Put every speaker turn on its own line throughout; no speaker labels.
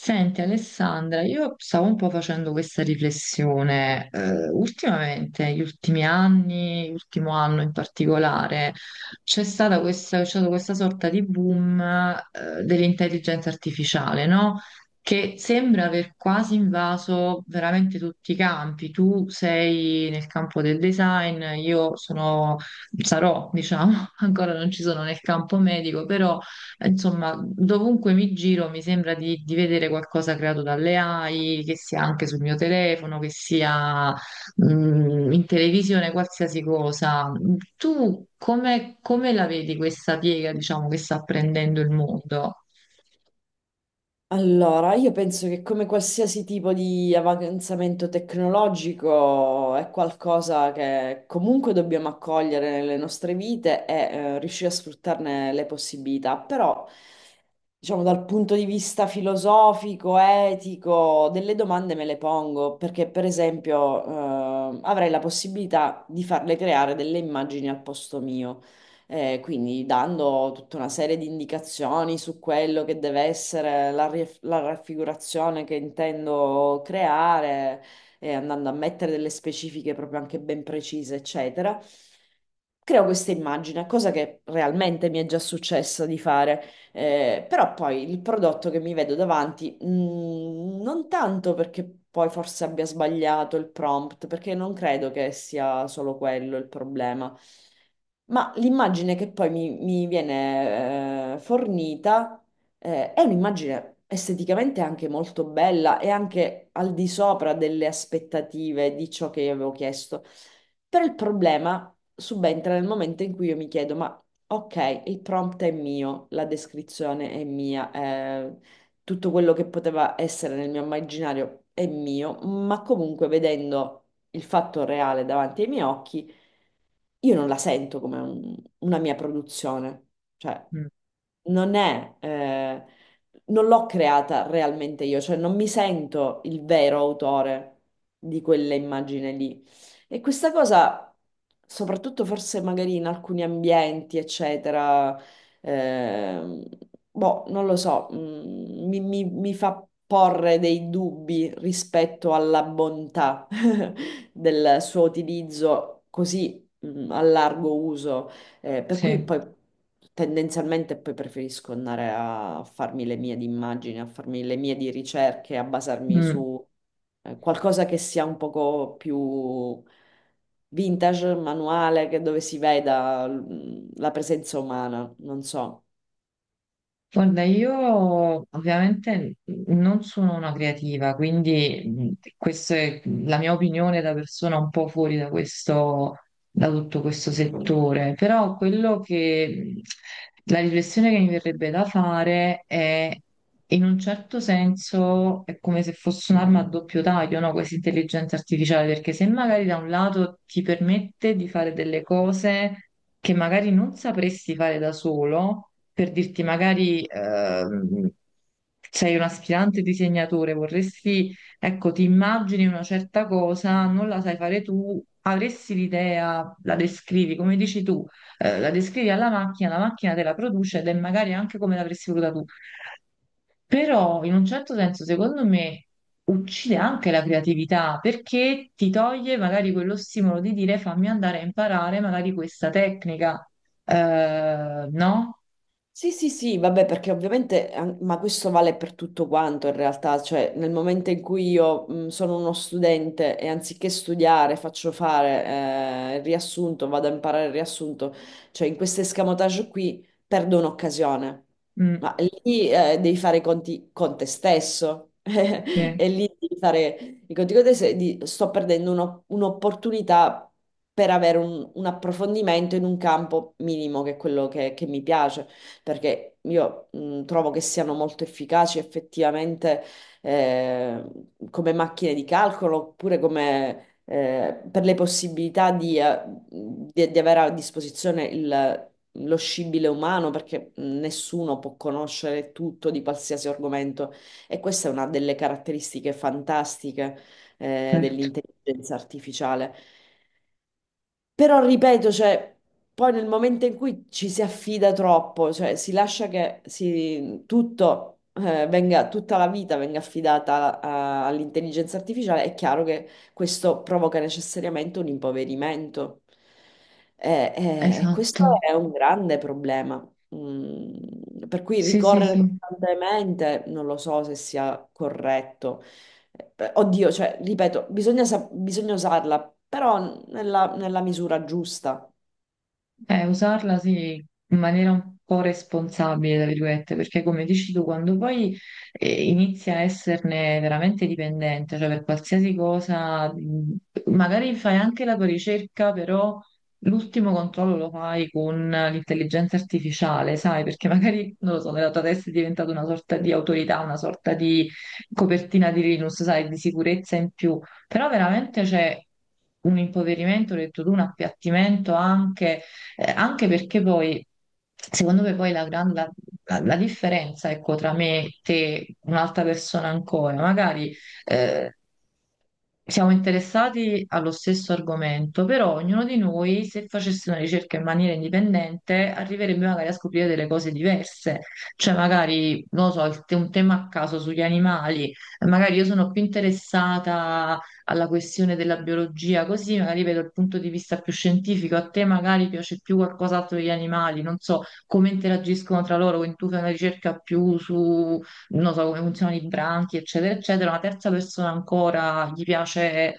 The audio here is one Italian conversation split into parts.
Senti Alessandra, io stavo un po' facendo questa riflessione. Ultimamente, gli ultimi anni, l'ultimo anno in particolare, c'è stato questa sorta di boom, dell'intelligenza artificiale, no? Che sembra aver quasi invaso veramente tutti i campi. Tu sei nel campo del design, io sono, sarò, diciamo, ancora non ci sono nel campo medico, però. Insomma, dovunque mi giro mi sembra di vedere qualcosa creato dalle AI, che sia anche sul mio telefono, che sia in televisione, qualsiasi cosa. Tu come la vedi questa piega, diciamo, che sta prendendo il mondo?
Allora, io penso che come qualsiasi tipo di avanzamento tecnologico è qualcosa che comunque dobbiamo accogliere nelle nostre vite e riuscire a sfruttarne le possibilità, però diciamo dal punto di vista filosofico, etico, delle domande me le pongo, perché per esempio avrei la possibilità di farle creare delle immagini al posto mio, quindi dando tutta una serie di indicazioni su quello che deve essere la raffigurazione che intendo creare, andando a mettere delle specifiche proprio anche ben precise, eccetera. Creo questa immagine, cosa che realmente mi è già successo di fare, però poi il prodotto che mi vedo davanti, non tanto perché poi forse abbia sbagliato il prompt, perché non credo che sia solo quello il problema. Ma l'immagine che poi mi viene fornita, è un'immagine esteticamente anche molto bella e anche al di sopra delle aspettative di ciò che io avevo chiesto. Però il problema subentra nel momento in cui io mi chiedo, ma ok, il prompt è mio, la descrizione è mia, tutto quello che poteva essere nel mio immaginario è mio, ma comunque vedendo il fatto reale davanti ai miei occhi io non la sento come una mia produzione, cioè
Mm,
non è, non l'ho creata realmente io, cioè non mi sento il vero autore di quella immagine lì. E questa cosa, soprattutto forse magari in alcuni ambienti, eccetera, ehm, boh, non lo so, mi fa porre dei dubbi rispetto alla bontà del suo utilizzo così a largo uso, per cui
sì.
poi tendenzialmente poi preferisco andare a farmi le mie di immagini, a farmi le mie di ricerche, a basarmi
Mm.
su qualcosa che sia un poco più vintage, manuale, che dove si veda la presenza umana, non so.
Guarda, io ovviamente non sono una creativa, quindi questa è la mia opinione da persona un po' fuori da questo, da tutto questo settore, però quello che la riflessione che mi verrebbe da fare è in un certo senso è come se fosse un'arma a doppio taglio, no? Questa intelligenza artificiale, perché se magari da un lato ti permette di fare delle cose che magari non sapresti fare da solo, per dirti magari sei un aspirante disegnatore, vorresti, ecco, ti immagini una certa cosa, non la sai fare tu, avresti l'idea, la descrivi, come dici tu, la descrivi alla macchina, la macchina te la produce ed è magari anche come l'avresti voluta tu. Però in un certo senso, secondo me, uccide anche la creatività perché ti toglie magari quello stimolo di dire fammi andare a imparare magari questa tecnica, eh, no?
Sì, sì, sì, vabbè, perché ovviamente, ma questo vale per tutto quanto in realtà, cioè nel momento in cui io sono uno studente e anziché studiare faccio fare il riassunto, vado a imparare il riassunto, cioè in questo escamotage qui perdo un'occasione,
Mm.
ma lì devi fare i conti con te stesso
Sì,
e lì devi fare i conti con te stesso, e sto perdendo un'opportunità per avere un approfondimento in un campo minimo che è quello che mi piace, perché io trovo che siano molto efficaci effettivamente, eh, come macchine di calcolo oppure come... per le possibilità di, di avere a disposizione lo scibile umano, perché nessuno può conoscere tutto di qualsiasi argomento. E questa è una delle caratteristiche fantastiche
certo.
dell'intelligenza artificiale. Però ripeto, cioè, poi nel momento in cui ci si affida troppo, cioè si lascia che tutto, venga, tutta la vita venga affidata all'intelligenza artificiale, è chiaro che questo provoca necessariamente un impoverimento.
Esatto,
Questo è un grande problema. Mm, per cui
sì, sì,
ricorrere
sì.
costantemente non lo so se sia corretto. Oddio, cioè, ripeto, bisogna usarla, però nella misura giusta.
Usarla sì, in maniera un po' responsabile, tra virgolette, perché come dici tu, quando poi inizi a esserne veramente dipendente, cioè per qualsiasi cosa, magari fai anche la tua ricerca, però l'ultimo controllo lo fai con l'intelligenza artificiale, sai, perché magari, non lo so, nella tua testa è diventata una sorta di autorità, una sorta di copertina di Linux, sai, di sicurezza in più, però veramente c'è un impoverimento, ho detto tu, un appiattimento anche anche perché poi, secondo me, poi la, gran- la- la- la differenza, ecco, tra me, te, un'altra persona ancora, magari eh, siamo interessati allo stesso argomento, però ognuno di noi, se facesse una ricerca in maniera indipendente, arriverebbe magari a scoprire delle cose diverse. Cioè, magari, non lo so, un tema a caso sugli animali, magari io sono più interessata alla questione della biologia, così magari vedo il punto di vista più scientifico, a te magari piace più qualcos'altro degli animali, non so come interagiscono tra loro, quindi tu fai una ricerca più su, non so, come funzionano i branchi, eccetera, eccetera, una terza persona ancora gli piace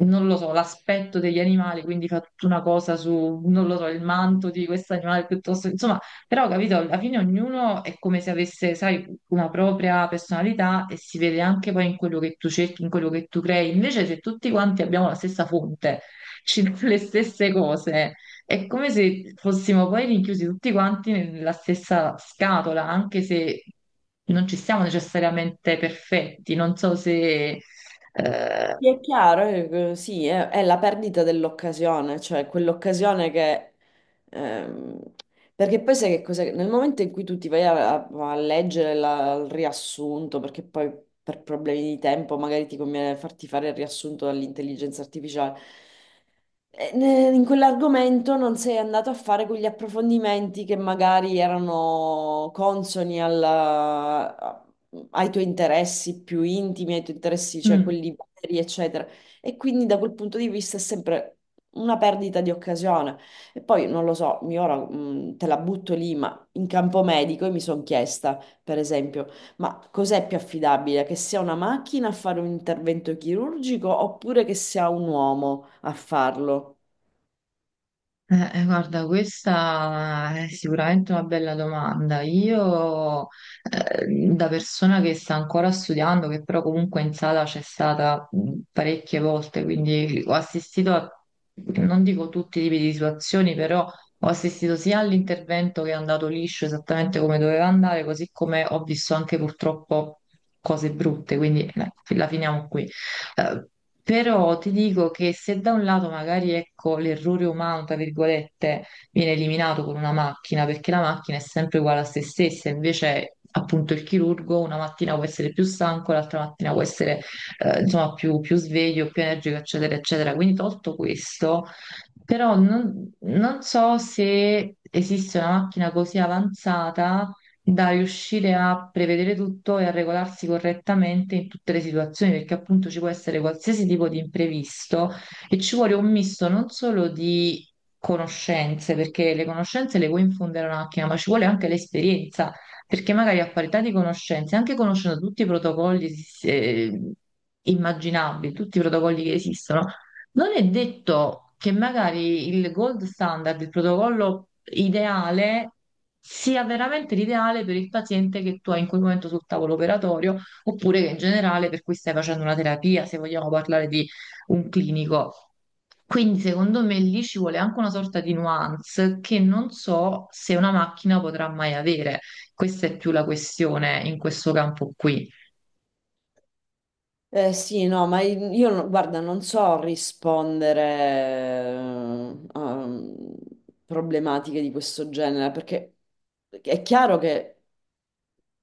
non lo so, l'aspetto degli animali, quindi fa tutta una cosa su, non lo so, il manto di questo animale piuttosto, insomma, però capito, alla fine ognuno è come se avesse, sai, una propria personalità e si vede anche poi in quello che tu cerchi, in quello che tu crei. Invece se tutti quanti abbiamo la stessa fonte, ci danno le stesse cose, è come se fossimo poi rinchiusi tutti quanti nella stessa scatola, anche se non ci siamo necessariamente perfetti, non so se... eh,
Mi è chiaro, sì, è la perdita dell'occasione, cioè quell'occasione che... ehm, perché poi sai che cos'è? Nel momento in cui tu ti vai a leggere il riassunto, perché poi per problemi di tempo magari ti conviene farti fare il riassunto dall'intelligenza artificiale, in quell'argomento non sei andato a fare quegli approfondimenti che magari erano consoni ai tuoi interessi più intimi, ai tuoi interessi, cioè
mm.
quelli veri, eccetera. E quindi da quel punto di vista è sempre una perdita di occasione. E poi non lo so, mi ora te la butto lì, ma in campo medico mi sono chiesta, per esempio. Ma cos'è più affidabile? Che sia una macchina a fare un intervento chirurgico oppure che sia un uomo a farlo?
Guarda, questa è sicuramente una bella domanda. Io, da persona che sta ancora studiando, che però comunque in sala c'è stata parecchie volte, quindi ho assistito a, non dico tutti i tipi di situazioni, però ho assistito sia all'intervento che è andato liscio esattamente come doveva andare, così come ho visto anche purtroppo cose brutte, quindi la finiamo qui. Eh, però ti dico che se da un lato magari ecco l'errore umano, tra virgolette, viene eliminato con una macchina, perché la macchina è sempre uguale a se stessa, invece appunto il chirurgo una mattina può essere più stanco, l'altra mattina può essere insomma più sveglio, più energico, eccetera, eccetera. Quindi tolto questo, però non so se esiste una macchina così avanzata da riuscire a prevedere tutto e a regolarsi correttamente in tutte le situazioni, perché appunto ci può essere qualsiasi tipo di imprevisto e ci vuole un misto non solo di conoscenze, perché le conoscenze le puoi infondere a una macchina, ma ci vuole anche l'esperienza, perché magari a parità di conoscenze, anche conoscendo tutti i protocolli eh, immaginabili, tutti i protocolli che esistono, non è detto che magari il gold standard, il protocollo ideale, sia veramente l'ideale per il paziente che tu hai in quel momento sul tavolo operatorio, oppure che in generale per cui stai facendo una terapia, se vogliamo parlare di un clinico. Quindi secondo me lì ci vuole anche una sorta di nuance che non so se una macchina potrà mai avere. Questa è più la questione in questo campo qui.
Sì, no, ma io, guarda, non so rispondere a problematiche di questo genere, perché è chiaro che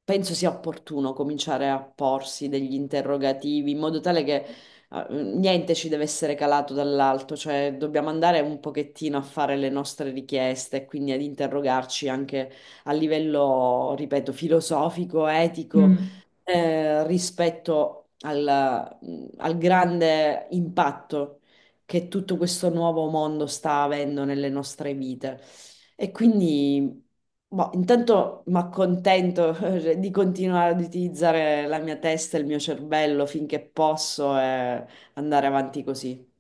penso sia opportuno cominciare a porsi degli interrogativi in modo tale che niente ci deve essere calato dall'alto, cioè dobbiamo andare un pochettino a fare le nostre richieste e quindi ad interrogarci anche a livello, ripeto, filosofico, etico,
Mm.
rispetto al al grande impatto che tutto questo nuovo mondo sta avendo nelle nostre vite. E quindi, boh, intanto mi accontento di continuare ad utilizzare la mia testa e il mio cervello finché posso e andare avanti così.